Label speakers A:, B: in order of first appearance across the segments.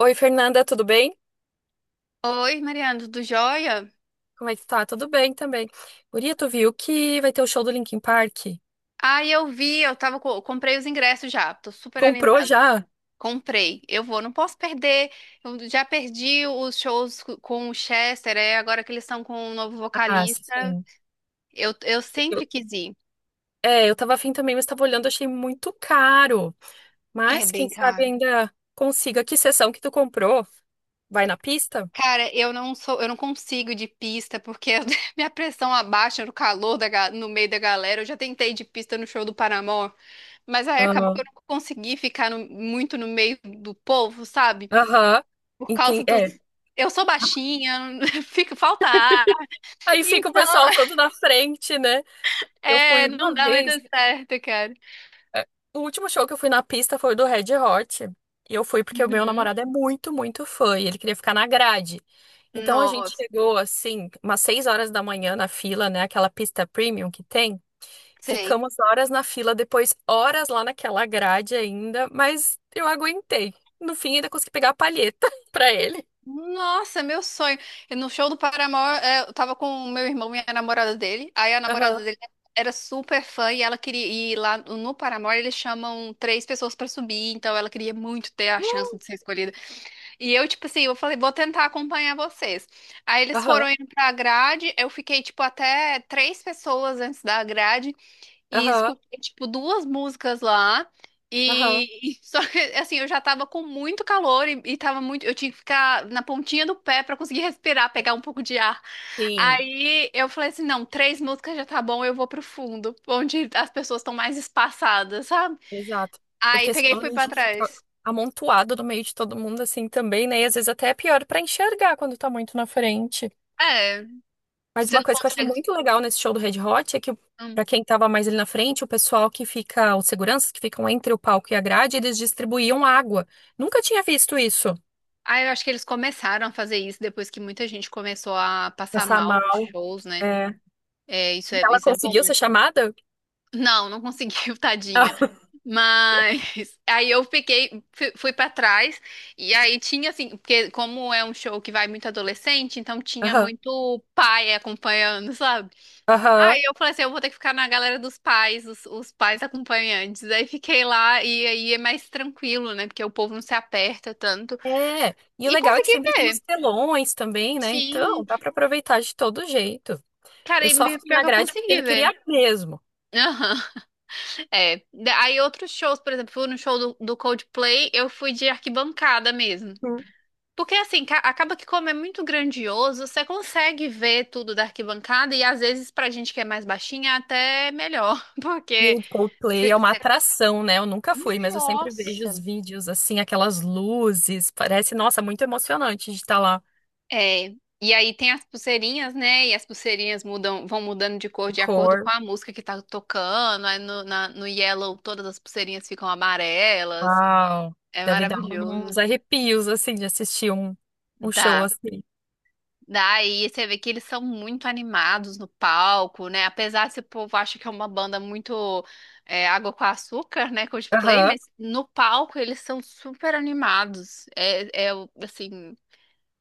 A: Oi, Fernanda, tudo bem?
B: Oi, Mariana, tudo jóia?
A: Como é que tá? Tudo bem também. Guria, tu viu que vai ter o show do Linkin Park?
B: Ah, eu vi, comprei os ingressos já, tô super
A: Comprou
B: animada.
A: já?
B: Comprei, eu vou, não posso perder. Eu já perdi os shows com o Chester, é, agora que eles estão com um novo
A: Ah,
B: vocalista.
A: sim.
B: Eu sempre
A: Eu-
B: quis ir.
A: É, eu tava afim também, mas tava olhando, achei muito caro.
B: É
A: Mas quem
B: bem
A: sabe
B: caro.
A: ainda consiga. Que sessão que tu comprou? Vai na pista?
B: Cara, eu não consigo ir de pista porque minha pressão abaixa no calor no meio da galera. Eu já tentei ir de pista no show do Paramore, mas aí acabou que eu
A: Aham.
B: não consegui ficar muito no meio do povo, sabe?
A: Aham.
B: Por causa
A: Entendi.
B: do.
A: É.
B: Eu sou baixinha, fica, falta ar.
A: Aí fica o
B: Então,
A: pessoal todo na frente, né? Eu fui
B: é,
A: uma
B: não dá muito
A: vez.
B: certo, cara.
A: É, o último show que eu fui na pista foi o do Red Hot. E eu fui porque o meu
B: Uhum.
A: namorado é muito, muito fã e ele queria ficar na grade. Então a gente
B: Nossa,
A: chegou assim, umas 6 horas da manhã na fila, né? Aquela pista premium que tem.
B: sei.
A: Ficamos horas na fila, depois horas lá naquela grade ainda, mas eu aguentei. No fim, ainda consegui pegar a palheta pra ele.
B: Nossa, meu sonho. No show do Paramore, é, eu tava com o meu irmão e a namorada dele. Aí a namorada
A: Aham,
B: dele era super fã e ela queria ir lá no Paramore. Eles chamam três pessoas pra subir, então ela queria muito ter a chance de ser escolhida. E eu, tipo assim, eu falei, vou tentar acompanhar vocês. Aí eles foram
A: aham,
B: indo pra grade, eu fiquei, tipo, até três pessoas antes da grade e
A: aham,
B: escutei, tipo, duas músicas lá.
A: aham.
B: E, e só que, assim, eu já tava com muito calor e tava muito. Eu tinha que ficar na pontinha do pé pra conseguir respirar, pegar um pouco de ar.
A: Sim.
B: Aí eu falei assim: não, três músicas já tá bom, eu vou pro fundo, onde as pessoas estão mais espaçadas, sabe?
A: Exato.
B: Aí
A: Porque
B: peguei e
A: senão
B: fui
A: a
B: pra
A: gente fica
B: trás.
A: amontoado no meio de todo mundo assim também, né? E às vezes até é pior pra enxergar quando tá muito na frente.
B: É,
A: Mas
B: você
A: uma
B: não
A: coisa que eu achei
B: consegue.
A: muito legal nesse show do Red Hot é que pra quem tava mais ali na frente, o pessoal que fica, os seguranças que ficam entre o palco e a grade, eles distribuíam água. Nunca tinha visto isso.
B: Ah, eu acho que eles começaram a fazer isso depois que muita gente começou a passar
A: Passar
B: mal nos
A: mal.
B: shows, né?
A: É.
B: É, isso é,
A: Ela
B: isso é bom.
A: conseguiu ser chamada?
B: Não, não conseguiu, tadinha.
A: Ah.
B: Mas aí eu fiquei, fui para trás e aí tinha assim, porque como é um show que vai muito adolescente, então tinha
A: Aham.
B: muito pai acompanhando, sabe?
A: Aham.
B: Aí eu falei assim, eu vou ter que ficar na galera dos pais, os pais acompanhantes. Aí fiquei lá e aí é mais tranquilo, né? Porque o povo não se aperta tanto.
A: É. E o
B: E
A: legal é que
B: consegui
A: sempre tem os
B: ver.
A: telões também, né? Então,
B: Sim,
A: dá pra aproveitar de todo jeito.
B: cara,
A: Eu
B: e
A: só fui
B: pior
A: na
B: que eu
A: grade porque
B: consegui
A: ele
B: ver.
A: queria mesmo.
B: Aham, é. Aí outros shows, por exemplo, fui no show do Coldplay, eu fui de arquibancada mesmo.
A: Hum.
B: Porque assim, acaba que como é muito grandioso, você consegue ver tudo da arquibancada e às vezes pra gente que é mais baixinha é até melhor,
A: E
B: porque
A: o Coldplay
B: você...
A: é uma
B: você-
A: atração, né? Eu nunca fui, mas eu sempre vejo os
B: Nossa!
A: vídeos, assim, aquelas luzes. Parece, nossa, muito emocionante de estar lá.
B: É. E aí tem as pulseirinhas, né? E as pulseirinhas mudam, vão mudando de
A: E
B: cor de acordo
A: cor,
B: com a música que tá tocando. Aí no Yellow todas as pulseirinhas ficam amarelas.
A: uau.
B: É
A: Deve dar uns
B: maravilhoso.
A: arrepios, assim, de assistir um, um show
B: Dá.
A: assim.
B: Daí você vê que eles são muito animados no palco, né? Apesar se o povo acha que é uma banda muito é, água com açúcar, né? Coldplay,
A: Aham.
B: mas no palco eles são super animados. É assim,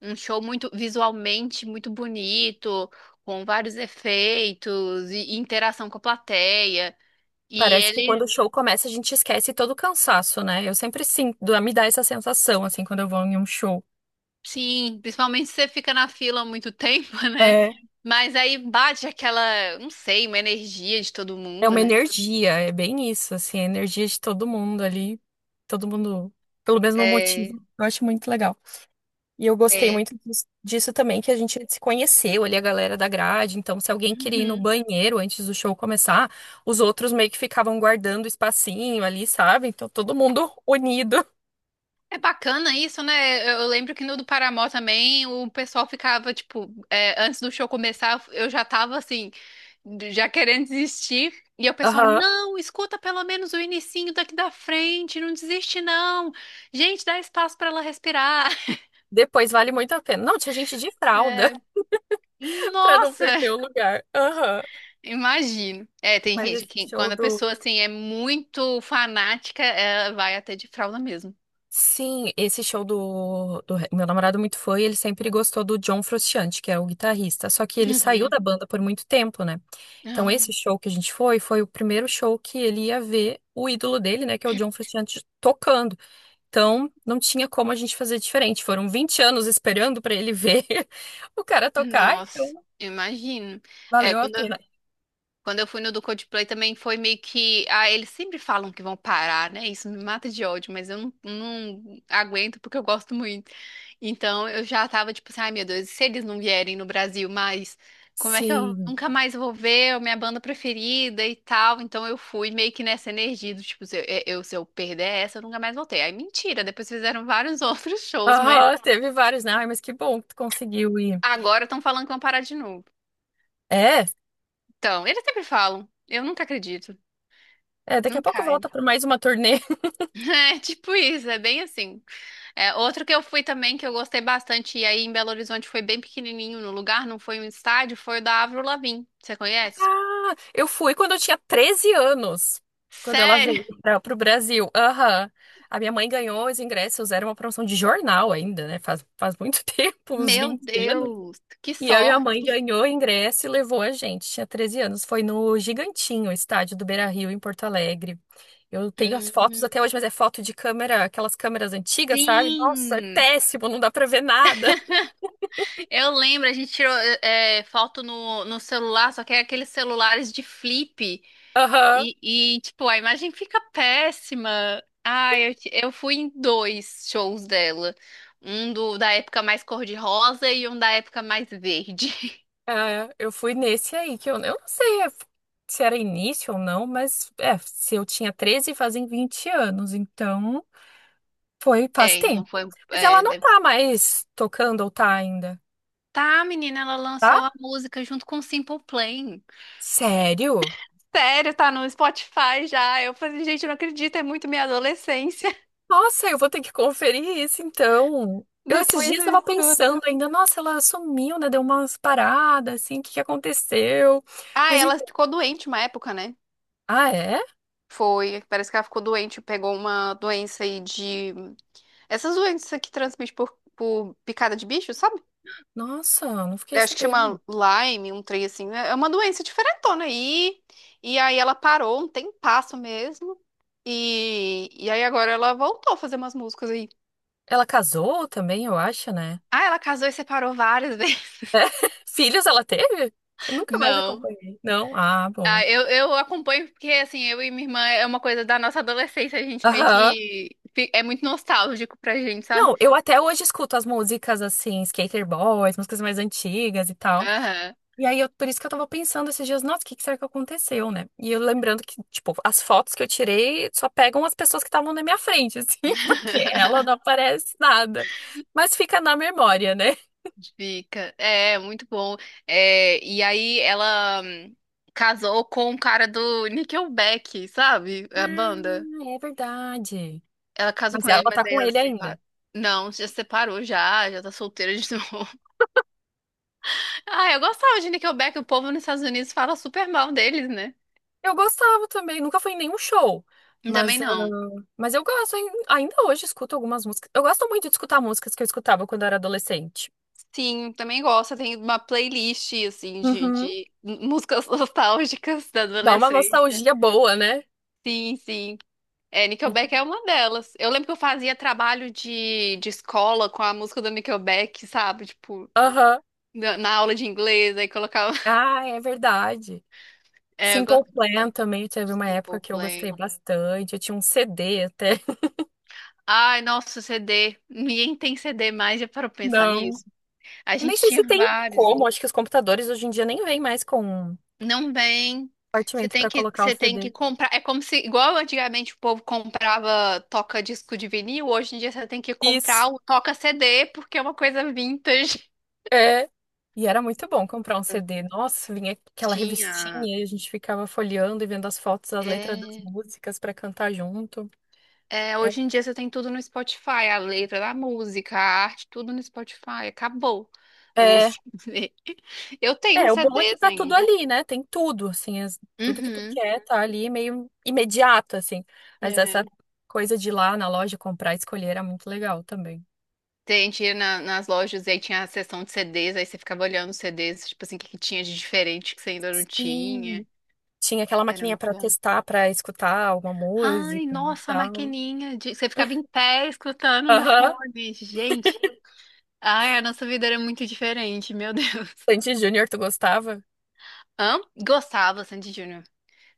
B: um show muito visualmente muito bonito, com vários efeitos e interação com a plateia. E
A: Parece que quando
B: eles
A: o show começa, a gente esquece todo o cansaço, né? Eu sempre sinto, me dá essa sensação, assim, quando eu vou em um show.
B: Sim, principalmente se você fica na fila há muito tempo, né? Mas aí bate aquela, não sei, uma energia de todo
A: É
B: mundo,
A: uma
B: né?
A: energia, é bem isso, assim, a energia de todo mundo ali, todo mundo pelo mesmo
B: É,
A: motivo. Eu acho muito legal. E eu gostei
B: é.
A: muito disso também, que a gente se conheceu ali, a galera da grade. Então, se alguém queria ir no
B: Uhum.
A: banheiro antes do show começar, os outros meio que ficavam guardando o espacinho ali, sabe? Então, todo mundo unido.
B: É bacana isso, né? Eu lembro que no do Paramore também o pessoal ficava, tipo, é, antes do show começar, eu já tava assim, já querendo desistir. E o pessoal,
A: Aham.
B: não, escuta pelo menos o inicinho daqui da frente, não desiste não. Gente, dá espaço pra ela respirar.
A: Depois vale muito a pena. Não, tinha gente de fralda
B: É,
A: pra não
B: nossa!
A: perder o lugar. Aham.
B: Imagino. É, tem
A: Mas
B: gente
A: esse
B: que
A: show
B: quando a
A: do.
B: pessoa assim é muito fanática, ela vai até de fralda mesmo.
A: Sim, esse show do, meu namorado muito foi, ele sempre gostou do John Frusciante, que é o guitarrista. Só que ele saiu
B: Uhum.
A: da banda por muito tempo, né? Então,
B: Ah,
A: esse show que a gente foi, foi o primeiro show que ele ia ver o ídolo dele, né? Que é o John Frusciante tocando. Então, não tinha como a gente fazer diferente. Foram 20 anos esperando pra ele ver o cara tocar,
B: Nossa,
A: então
B: imagino. É,
A: valeu a
B: quando
A: pena.
B: Quando eu fui no do Coldplay também foi meio que. Ah, eles sempre falam que vão parar, né? Isso me mata de ódio, mas eu não aguento porque eu gosto muito. Então eu já tava tipo assim, ai meu Deus, e se eles não vierem no Brasil mais, como é que eu
A: Sim.
B: nunca mais vou ver a minha banda preferida e tal? Então eu fui meio que nessa energia do tipo, se eu perder essa, eu nunca mais voltei. Aí mentira, depois fizeram vários outros shows, mas
A: Aham, teve vários, né? Ai, mas que bom que tu conseguiu ir.
B: agora estão falando que vão parar de novo.
A: É,
B: Então, eles sempre falam. Eu nunca acredito.
A: é, daqui a pouco
B: Nunca.
A: volta para mais uma turnê.
B: É tipo isso, é bem assim. É, outro que eu fui também, que eu gostei bastante, e aí em Belo Horizonte foi bem pequenininho no lugar, não foi um estádio, foi o da Avril Lavigne. Você conhece?
A: Ah, eu fui quando eu tinha 13 anos, quando ela
B: Sério?
A: veio para o Brasil. Aham. A minha mãe ganhou os ingressos, era uma promoção de jornal ainda, né? Faz muito tempo, uns
B: Meu
A: 20 anos.
B: Deus, que
A: E a minha mãe
B: sorte.
A: ganhou o ingresso e levou a gente. Tinha 13 anos. Foi no Gigantinho, estádio do Beira-Rio, em Porto Alegre. Eu tenho as fotos
B: Hum,
A: até hoje, mas é foto de câmera, aquelas câmeras antigas, sabe? Nossa, é
B: Sim!
A: péssimo, não dá pra ver nada.
B: Eu lembro, a gente tirou foto no celular, só que é aqueles celulares de flip.
A: Aham.
B: Tipo, a imagem fica péssima. Ah, eu fui em dois shows dela. Um da época mais cor-de-rosa e um da época mais verde.
A: É, eu fui nesse aí, que eu não sei é, se era início ou não, mas é, se eu tinha 13 fazem 20 anos, então foi faz
B: É, então
A: tempo.
B: foi.
A: Mas ela
B: é,
A: não
B: deve-
A: tá mais tocando ou tá ainda,
B: Tá, menina, ela
A: tá?
B: lançou a música junto com o Simple Plan.
A: Sério?
B: Sério, tá no Spotify já. Eu falei, gente, eu não acredito, é muito minha adolescência.
A: Nossa, eu vou ter que conferir isso então. Eu esses
B: Depois
A: dias
B: eu
A: tava
B: escuto.
A: pensando ainda, nossa, ela sumiu, né? Deu umas paradas, assim, o que que aconteceu?
B: Ah,
A: Mas
B: ela
A: então.
B: ficou doente uma época, né?
A: Ah, é?
B: Foi, parece que ela ficou doente, pegou uma doença aí de. Essas doenças que transmite por picada de bicho, sabe?
A: Nossa, não fiquei
B: Eu acho que
A: sabendo.
B: chama Lyme, um trem assim, né? É uma doença diferentona aí. E aí ela parou um tempasso mesmo. E aí agora ela voltou a fazer umas músicas aí.
A: Ela casou também, eu acho, né?
B: Ah, ela casou e separou várias vezes.
A: Filhos ela teve? Eu nunca mais
B: Não.
A: acompanhei. Não? Ah, bom.
B: Ah, eu acompanho porque, assim, eu e minha irmã é uma coisa da nossa adolescência. A gente meio
A: Aham.
B: que é muito nostálgico pra gente, sabe?
A: Não, eu até hoje escuto as músicas assim, Skater Boys, músicas mais antigas e tal.
B: Aham.
A: E aí, eu, por isso que eu tava pensando esses dias, nossa, o que que será que aconteceu, né? E eu lembrando que, tipo, as fotos que eu tirei só pegam as pessoas que estavam na minha frente, assim, porque ela não aparece nada. Mas fica na memória, né?
B: Fica. É, muito bom. É, e aí ela casou com o cara do Nickelback, sabe? A
A: Ah,
B: banda.
A: é verdade.
B: Ela casou
A: Mas
B: com
A: ela
B: ele, mas
A: tá
B: aí
A: com
B: ela
A: ele ainda.
B: separa... Não, já separou já, já tá solteira de novo. Ah, eu gostava de Nickelback, o povo nos Estados Unidos fala super mal deles, né?
A: Eu gostava também, nunca fui em nenhum show. Mas,
B: Também
A: ah,
B: não.
A: mas eu gosto, ainda hoje escuto algumas músicas. Eu gosto muito de escutar músicas que eu escutava quando eu era adolescente.
B: Sim, também gosto. Tem uma playlist, assim, de,
A: Uhum.
B: de músicas nostálgicas da
A: Dá uma
B: adolescência.
A: nostalgia boa, né?
B: Sim, sim. É, Nickelback é uma delas. Eu lembro que eu fazia trabalho de escola com a música do Nickelback, sabe? Tipo,
A: Aham.
B: na aula de inglês, aí colocava.
A: Ah, é verdade.
B: É, eu
A: Simple
B: gosto
A: Plan
B: de
A: também teve uma época
B: Simple
A: que eu
B: Plan.
A: gostei bastante. Eu tinha um CD até.
B: Ai, nossa, CD. Ninguém tem CD mais, já parou pra pensar
A: Não.
B: nisso? A
A: Eu nem
B: gente
A: sei
B: tinha
A: se tem
B: vários.
A: como. Acho que os computadores hoje em dia nem vêm mais com
B: Não vem. Você
A: compartimento
B: tem
A: para
B: que,
A: colocar o
B: você tem que
A: CD.
B: comprar. É como se, igual antigamente o povo comprava toca disco de vinil, hoje em dia você tem que
A: Isso.
B: comprar o toca CD, porque é uma coisa vintage.
A: É. E era muito bom comprar um CD. Nossa, vinha aquela
B: Tinha.
A: revistinha e a gente ficava folheando e vendo as fotos, as letras das
B: É,
A: músicas pra cantar junto.
B: É,
A: É,
B: hoje em dia você tem tudo no Spotify, a letra da música, a arte, tudo no Spotify. Acabou o
A: é,
B: CD. Eu tenho
A: é,
B: uns
A: o bom é que
B: CDs
A: tá tudo
B: ainda.
A: ali, né? Tem tudo, assim, as- tudo que tu
B: Uhum.
A: quer tá ali meio imediato, assim. Mas essa
B: É.
A: coisa de ir lá na loja comprar e escolher era muito legal também.
B: Tem, tinha nas lojas e aí tinha a seção de CDs, aí você ficava olhando os CDs, tipo assim, o que que tinha de diferente que você ainda não tinha.
A: Sim. Tinha aquela
B: Era
A: maquininha
B: muito
A: pra
B: bom.
A: testar, pra escutar alguma
B: Ai,
A: música e
B: nossa, a
A: tal.
B: maquininha. Você ficava em pé escutando no
A: Aham.
B: fone. Gente, ai, a nossa vida era muito diferente, meu Deus.
A: Sandy Júnior, tu gostava?
B: Hã? Gostava, Sandy Júnior.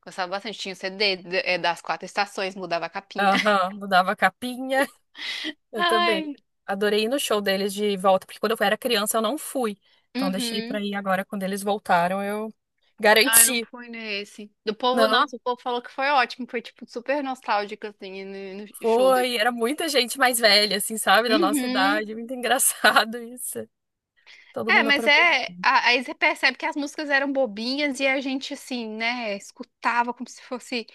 B: Gostava bastante. Tinha o CD das quatro estações, mudava a capinha.
A: Aham. Mudava a capinha. Eu também.
B: Ai,
A: Adorei ir no show deles de volta, porque quando eu era criança eu não fui. Então deixei pra
B: uhum.
A: ir agora quando eles voltaram, eu
B: Ai, não
A: garanti.
B: fui nesse. Do povo,
A: Não,
B: nossa, o povo falou que foi ótimo. Foi, tipo, super nostálgico, assim, no show dele.
A: foi. Era muita gente mais velha, assim, sabe, da nossa
B: Uhum.
A: idade. Muito engraçado isso. Todo
B: É,
A: mundo
B: mas
A: aproveitou.
B: é. Aí você percebe que as músicas eram bobinhas e a gente, assim, né, escutava como se fosse.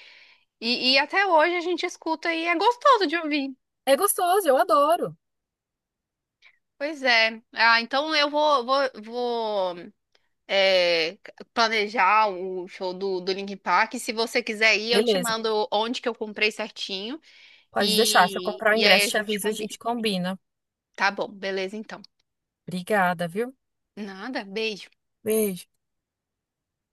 B: E até hoje a gente escuta e é gostoso de ouvir.
A: É gostoso, eu adoro.
B: Pois é. Ah, então eu é, planejar o show do Linkin Park. Se você quiser ir, eu te
A: Beleza,
B: mando onde que eu comprei certinho
A: pode deixar. Se eu
B: e,
A: comprar o
B: e aí
A: ingresso,
B: a
A: te
B: gente
A: aviso, a
B: combina.
A: gente combina.
B: Tá bom, beleza então.
A: Obrigada, viu?
B: Nada, beijo.
A: Beijo.